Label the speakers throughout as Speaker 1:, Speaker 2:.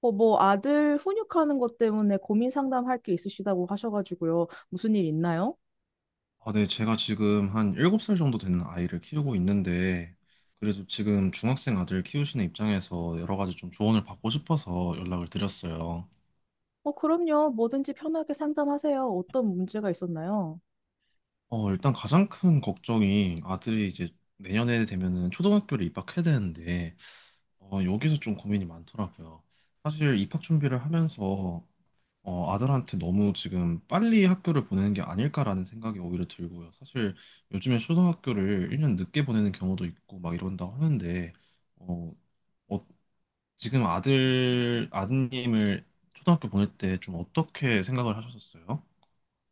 Speaker 1: 아들 훈육하는 것 때문에 고민 상담할 게 있으시다고 하셔가지고요. 무슨 일 있나요?
Speaker 2: 네, 제가 지금 한 7살 정도 되는 아이를 키우고 있는데, 그래도 지금 중학생 아들 키우시는 입장에서 여러 가지 좀 조언을 받고 싶어서 연락을 드렸어요.
Speaker 1: 그럼요. 뭐든지 편하게 상담하세요. 어떤 문제가 있었나요?
Speaker 2: 일단 가장 큰 걱정이 아들이 이제 내년에 되면은 초등학교를 입학해야 되는데, 여기서 좀 고민이 많더라고요. 사실 입학 준비를 하면서 아들한테 너무 지금 빨리 학교를 보내는 게 아닐까라는 생각이 오히려 들고요. 사실 요즘에 초등학교를 1년 늦게 보내는 경우도 있고 막 이런다고 하는데, 어, 어, 지금 아드님을 초등학교 보낼 때 좀 어떻게 생각을 하셨었어요?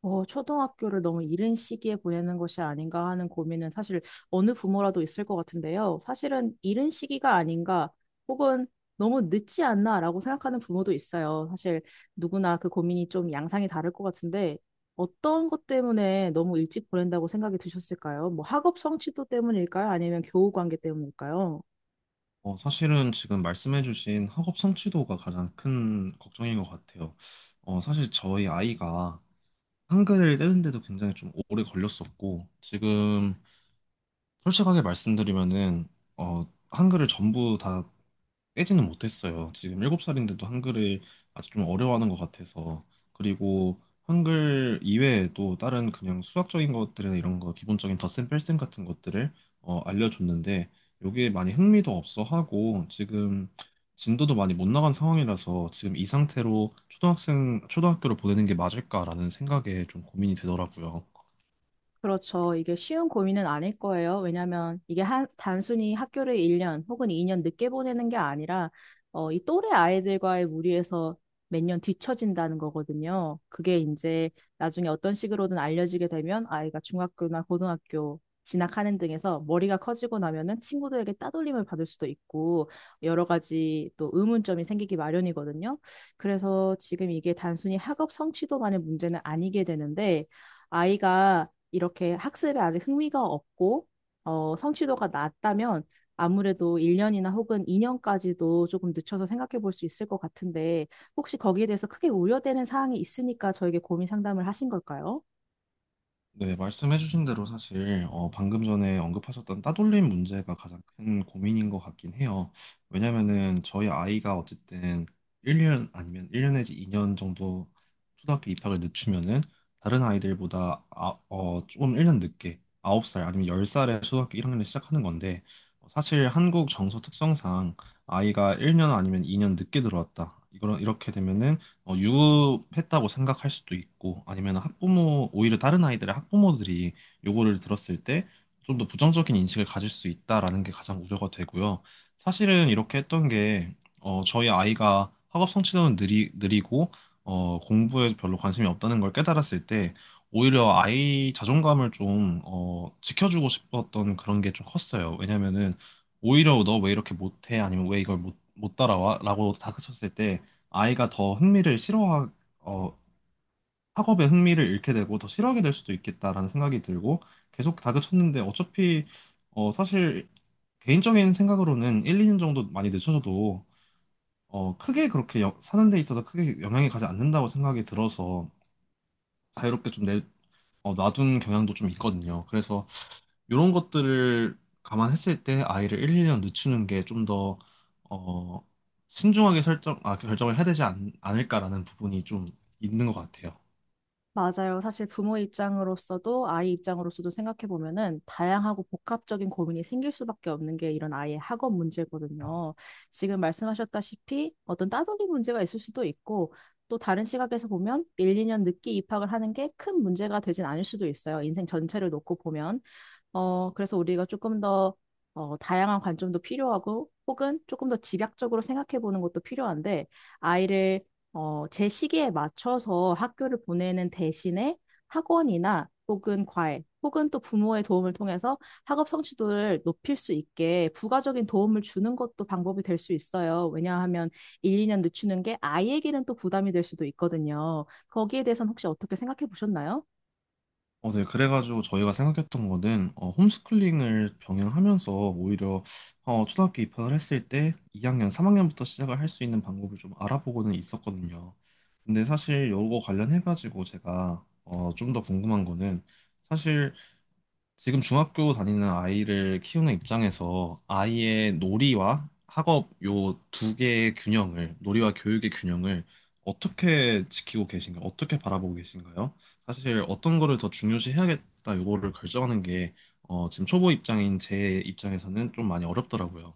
Speaker 1: 초등학교를 너무 이른 시기에 보내는 것이 아닌가 하는 고민은 사실 어느 부모라도 있을 것 같은데요. 사실은 이른 시기가 아닌가 혹은 너무 늦지 않나라고 생각하는 부모도 있어요. 사실 누구나 그 고민이 좀 양상이 다를 것 같은데 어떤 것 때문에 너무 일찍 보낸다고 생각이 드셨을까요? 뭐 학업 성취도 때문일까요? 아니면 교우 관계 때문일까요?
Speaker 2: 사실은 지금 말씀해주신 학업 성취도가 가장 큰 걱정인 것 같아요. 사실 저희 아이가 한글을 떼는데도 굉장히 좀 오래 걸렸었고, 지금 솔직하게 말씀드리면은 한글을 전부 다 깨지는 못했어요. 지금 7살인데도 한글을 아직 좀 어려워하는 것 같아서. 그리고 한글 이외에 도 다른 그냥 수학적인 것들이나 이런 거 기본적인 덧셈 뺄셈 같은 것들을 알려줬는데 요게 많이 흥미도 없어 하고 지금 진도도 많이 못 나간 상황이라서 지금 이 상태로 초등학생 초등학교를 보내는 게 맞을까라는 생각에 좀 고민이 되더라고요.
Speaker 1: 그렇죠. 이게 쉬운 고민은 아닐 거예요. 왜냐하면 단순히 학교를 1년 혹은 2년 늦게 보내는 게 아니라 이 또래 아이들과의 무리에서 몇 년 뒤처진다는 거거든요. 그게 이제 나중에 어떤 식으로든 알려지게 되면 아이가 중학교나 고등학교 진학하는 등에서 머리가 커지고 나면은 친구들에게 따돌림을 받을 수도 있고 여러 가지 또 의문점이 생기기 마련이거든요. 그래서 지금 이게 단순히 학업 성취도만의 문제는 아니게 되는데 아이가 이렇게 학습에 아직 흥미가 없고 성취도가 낮다면 아무래도 1년이나 혹은 2년까지도 조금 늦춰서 생각해 볼 수 있을 것 같은데 혹시 거기에 대해서 크게 우려되는 사항이 있으니까 저에게 고민 상담을 하신 걸까요?
Speaker 2: 네, 말씀해주신 대로 사실 방금 전에 언급하셨던 따돌림 문제가 가장 큰 고민인 것 같긴 해요. 왜냐면은 저희 아이가 어쨌든 1년 아니면 1년 내지 2년 정도 초등학교 입학을 늦추면은 다른 아이들보다 조금 1년 늦게 9살 아니면 10살에 초등학교 1학년을 시작하는 건데 사실 한국 정서 특성상 아이가 1년 아니면 2년 늦게 들어왔다. 이거 이렇게 되면은 유급했다고 생각할 수도 있고 아니면 학부모 오히려 다른 아이들의 학부모들이 요거를 들었을 때 좀 더 부정적인 인식을 가질 수 있다라는 게 가장 우려가 되고요. 사실은 이렇게 했던 게 저희 아이가 학업 성취도는 느리고 공부에 별로 관심이 없다는 걸 깨달았을 때 오히려 아이 자존감을 좀 지켜주고 싶었던 그런 게 좀 컸어요. 왜냐면은 오히려 너 왜 이렇게 못해? 아니면 왜 이걸 못 따라와? 라고 다그쳤을 때 아이가 더 어, 학업에 흥미를 잃게 되고 더 싫어하게 될 수도 있겠다라는 생각이 들고. 계속 다그쳤는데 어차피 사실 개인적인 생각으로는 1, 2년 정도 많이 늦춰져도 크게 그렇게 사는 데 있어서 크게 영향이 가지 않는다고 생각이 들어서 자유롭게 좀 놔둔 경향도 좀 있거든요. 그래서 이런 것들을 감안했을 때 아이를 1, 2년 늦추는 게 좀 어, 신중하게 결정을 해야 되지 않을까라는 부분이 좀 있는 것 같아요.
Speaker 1: 맞아요. 사실 부모 입장으로서도 아이 입장으로서도 생각해 보면은 다양하고 복합적인 고민이 생길 수밖에 없는 게 이런 아이의 학업 문제거든요. 지금 말씀하셨다시피 어떤 따돌이 문제가 있을 수도 있고 또 다른 시각에서 보면 1, 2년 늦게 입학을 하는 게 큰 문제가 되진 않을 수도 있어요. 인생 전체를 놓고 보면. 그래서 우리가 조금 더 다양한 관점도 필요하고 혹은 조금 더 집약적으로 생각해 보는 것도 필요한데 아이를 제 시기에 맞춰서 학교를 보내는 대신에 학원이나 혹은 과외 혹은 또 부모의 도움을 통해서 학업 성취도를 높일 수 있게 부가적인 도움을 주는 것도 방법이 될 수 있어요. 왜냐하면 1, 2년 늦추는 게 아이에게는 또 부담이 될 수도 있거든요. 거기에 대해서는 혹시 어떻게 생각해 보셨나요?
Speaker 2: 네. 그래가지고 저희가 생각했던 거는 홈스쿨링을 병행하면서 오히려 초등학교 입학을 했을 때 2학년, 3학년부터 시작을 할 수 있는 방법을 좀 알아보고는 있었거든요. 근데 사실 요거 관련해가지고 제가 좀 더 궁금한 거는 사실 지금 중학교 다니는 아이를 키우는 입장에서 아이의 놀이와 학업 요 두 개의 균형을, 놀이와 교육의 균형을 어떻게 지키고 계신가요? 어떻게 바라보고 계신가요? 사실 어떤 거를 더 중요시 해야겠다 요거를 결정하는 게 지금 초보 입장인 제 입장에서는 좀 많이 어렵더라고요.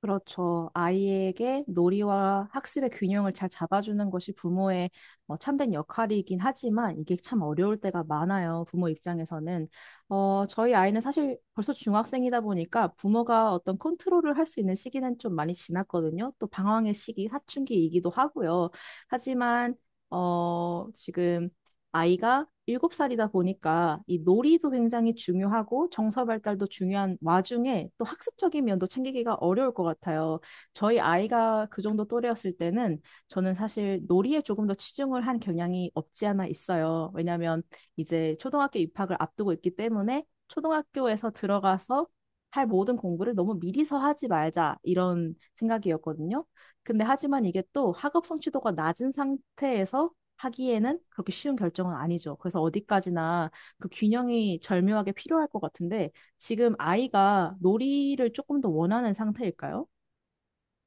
Speaker 1: 그렇죠. 아이에게 놀이와 학습의 균형을 잘 잡아주는 것이 부모의 참된 역할이긴 하지만 이게 참 어려울 때가 많아요. 부모 입장에서는. 저희 아이는 사실 벌써 중학생이다 보니까 부모가 어떤 컨트롤을 할 수 있는 시기는 좀 많이 지났거든요. 또 방황의 시기, 사춘기이기도 하고요. 하지만 지금 아이가 7살이다 보니까 이 놀이도 굉장히 중요하고 정서 발달도 중요한 와중에 또 학습적인 면도 챙기기가 어려울 것 같아요. 저희 아이가 그 정도 또래였을 때는 저는 사실 놀이에 조금 더 치중을 한 경향이 없지 않아 있어요. 왜냐하면 이제 초등학교 입학을 앞두고 있기 때문에 초등학교에서 들어가서 할 모든 공부를 너무 미리서 하지 말자 이런 생각이었거든요. 근데 하지만 이게 또 학업 성취도가 낮은 상태에서 하기에는 그렇게 쉬운 결정은 아니죠. 그래서 어디까지나 그 균형이 절묘하게 필요할 것 같은데 지금 아이가 놀이를 조금 더 원하는 상태일까요?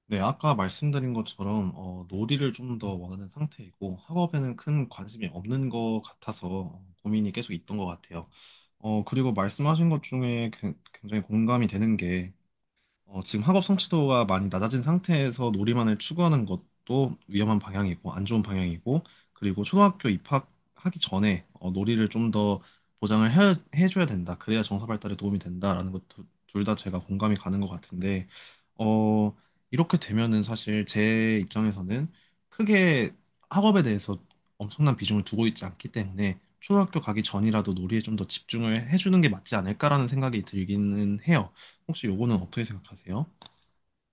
Speaker 2: 네, 아까 말씀드린 것처럼 놀이를 좀 더 원하는 상태이고 학업에는 큰 관심이 없는 것 같아서 고민이 계속 있던 것 같아요. 그리고 말씀하신 것 중에 굉장히 공감이 되는 게 지금 학업 성취도가 많이 낮아진 상태에서 놀이만을 추구하는 것도 위험한 방향이고 안 좋은 방향이고. 그리고 초등학교 입학하기 전에 놀이를 좀 더 보장을 해줘야 된다. 그래야 정서 발달에 도움이 된다라는 것도 둘 다 제가 공감이 가는 것 같은데 어, 이렇게 되면은 사실 제 입장에서는 크게 학업에 대해서 엄청난 비중을 두고 있지 않기 때문에 초등학교 가기 전이라도 놀이에 좀 더 집중을 해주는 게 맞지 않을까라는 생각이 들기는 해요. 혹시 요거는 어떻게 생각하세요?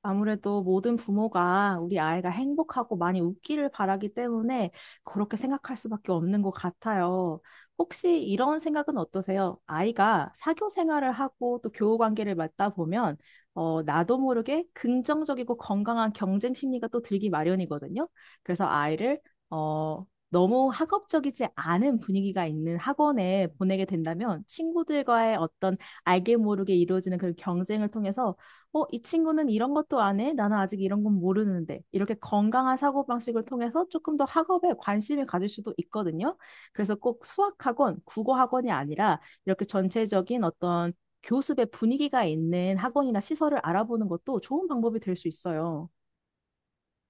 Speaker 1: 아무래도 모든 부모가 우리 아이가 행복하고 많이 웃기를 바라기 때문에 그렇게 생각할 수밖에 없는 것 같아요. 혹시 이런 생각은 어떠세요? 아이가 사교 생활을 하고 또 교우 관계를 맡다 보면 나도 모르게 긍정적이고 건강한 경쟁 심리가 또 들기 마련이거든요. 그래서 아이를 어, 너무 학업적이지 않은 분위기가 있는 학원에 보내게 된다면 친구들과의 어떤 알게 모르게 이루어지는 그런 경쟁을 통해서 이 친구는 이런 것도 안 해? 나는 아직 이런 건 모르는데. 이렇게 건강한 사고방식을 통해서 조금 더 학업에 관심을 가질 수도 있거든요. 그래서 꼭 수학학원, 국어학원이 아니라 이렇게 전체적인 어떤 교습의 분위기가 있는 학원이나 시설을 알아보는 것도 좋은 방법이 될 수 있어요.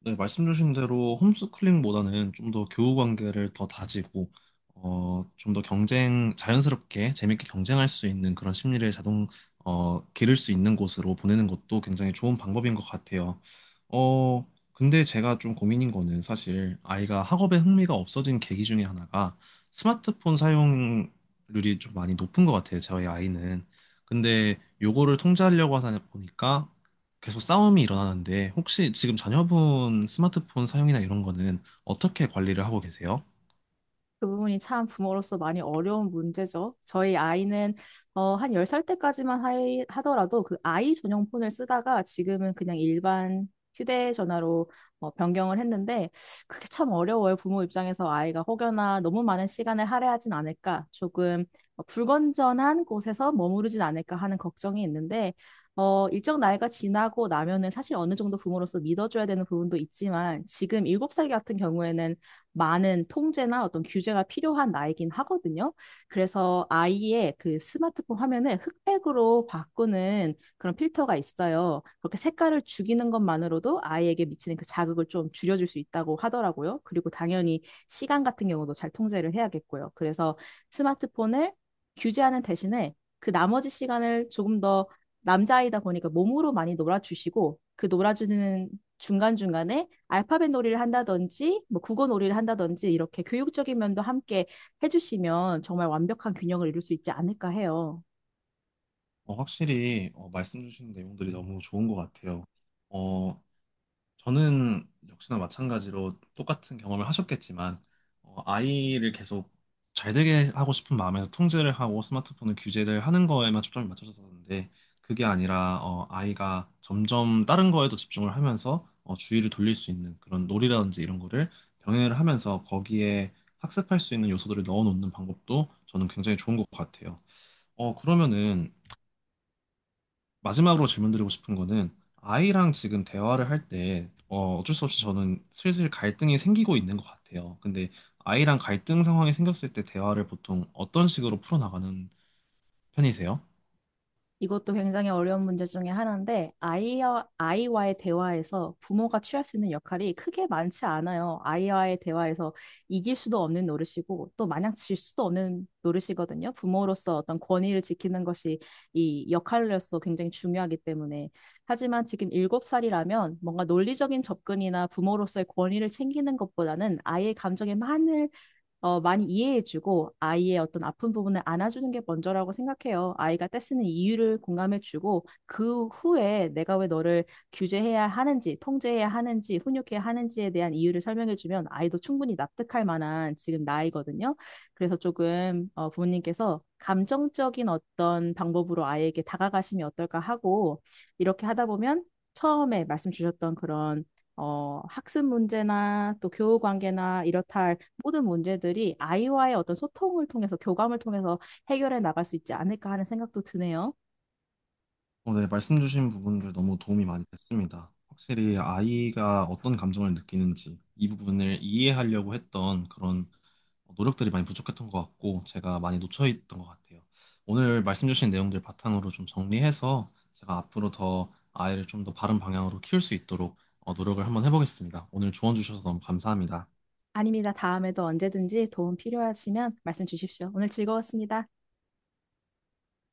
Speaker 2: 네, 말씀 주신 대로 홈스쿨링보다는 좀 더 교우 관계를 더 다지고 좀 더 경쟁 자연스럽게 재밌게 경쟁할 수 있는 그런 심리를 기를 수 있는 곳으로 보내는 것도 굉장히 좋은 방법인 것 같아요. 어, 근데 제가 좀 고민인 거는 사실 아이가 학업에 흥미가 없어진 계기 중에 하나가 스마트폰 사용률이 좀 많이 높은 것 같아요. 저희 아이는. 근데 요거를 통제하려고 하다 보니까 계속 싸움이 일어나는데 혹시 지금 자녀분 스마트폰 사용이나 이런 거는 어떻게 관리를 하고 계세요?
Speaker 1: 그 부분이 참 부모로서 많이 어려운 문제죠. 저희 아이는 한 10살 때까지만 하더라도 그 아이 전용 폰을 쓰다가 지금은 그냥 일반 휴대전화로 변경을 했는데 그게 참 어려워요. 부모 입장에서 아이가 혹여나 너무 많은 시간을 할애하진 않을까, 조금 불건전한 곳에서 머무르진 않을까 하는 걱정이 있는데 일정 나이가 지나고 나면은 사실 어느 정도 부모로서 믿어줘야 되는 부분도 있지만 지금 7살 같은 경우에는 많은 통제나 어떤 규제가 필요한 나이긴 하거든요. 그래서 아이의 그 스마트폰 화면을 흑백으로 바꾸는 그런 필터가 있어요. 그렇게 색깔을 죽이는 것만으로도 아이에게 미치는 그 자극을 좀 줄여줄 수 있다고 하더라고요. 그리고 당연히 시간 같은 경우도 잘 통제를 해야겠고요. 그래서 스마트폰을 규제하는 대신에 그 나머지 시간을 조금 더 남자아이다 보니까 몸으로 많이 놀아주시고 그 놀아주는 중간중간에 알파벳 놀이를 한다든지 뭐 국어 놀이를 한다든지 이렇게 교육적인 면도 함께 해주시면 정말 완벽한 균형을 이룰 수 있지 않을까 해요.
Speaker 2: 확실히 말씀 주신 내용들이 너무 좋은 것 같아요. 어, 저는 역시나 마찬가지로 똑같은 경험을 하셨겠지만, 아이를 계속 잘 되게 하고 싶은 마음에서 통제를 하고 스마트폰을 규제를 하는 거에만 초점이 맞춰졌었는데, 그게 아니라, 아이가 점점 다른 거에도 집중을 하면서, 주의를 돌릴 수 있는 그런 놀이라든지 이런 거를 병행을 하면서 거기에 학습할 수 있는 요소들을 넣어놓는 방법도 저는 굉장히 좋은 것 같아요. 그러면은 마지막으로 질문드리고 싶은 거는 아이랑 지금 대화를 할 때 어쩔 수 없이 저는 슬슬 갈등이 생기고 있는 것 같아요. 근데 아이랑 갈등 상황이 생겼을 때 대화를 보통 어떤 식으로 풀어나가는 편이세요?
Speaker 1: 이것도 굉장히 어려운 문제 중에 하나인데, 아이와의 대화에서 부모가 취할 수 있는 역할이 크게 많지 않아요. 아이와의 대화에서 이길 수도 없는 노릇이고, 또 마냥 질 수도 없는 노릇이거든요. 부모로서 어떤 권위를 지키는 것이 이 역할로서 굉장히 중요하기 때문에. 하지만 지금 일곱 살이라면 뭔가 논리적인 접근이나 부모로서의 권위를 챙기는 것보다는 아이의 감정에 많은 많이 이해해주고 아이의 어떤 아픈 부분을 안아주는 게 먼저라고 생각해요. 아이가 떼쓰는 이유를 공감해주고 그 후에 내가 왜 너를 규제해야 하는지, 통제해야 하는지, 훈육해야 하는지에 대한 이유를 설명해주면 아이도 충분히 납득할 만한 지금 나이거든요. 그래서 조금 부모님께서 감정적인 어떤 방법으로 아이에게 다가가시면 어떨까 하고 이렇게 하다 보면 처음에 말씀 주셨던 그런 학습 문제나 또 교우 관계나 이렇다 할 모든 문제들이 아이와의 어떤 소통을 통해서 교감을 통해서 해결해 나갈 수 있지 않을까 하는 생각도 드네요.
Speaker 2: 네, 말씀 주신 부분들 너무 도움이 많이 됐습니다. 확실히 아이가 어떤 감정을 느끼는지 이 부분을 이해하려고 했던 그런 노력들이 많이 부족했던 것 같고 제가 많이 놓쳐 있던 것 같아요. 오늘 말씀 주신 내용들 바탕으로 좀 정리해서 제가 앞으로 더 아이를 좀 더 바른 방향으로 키울 수 있도록 노력을 한번 해보겠습니다. 오늘 조언 주셔서 너무 감사합니다.
Speaker 1: 아닙니다. 다음에도 언제든지 도움 필요하시면 말씀 주십시오. 오늘 즐거웠습니다.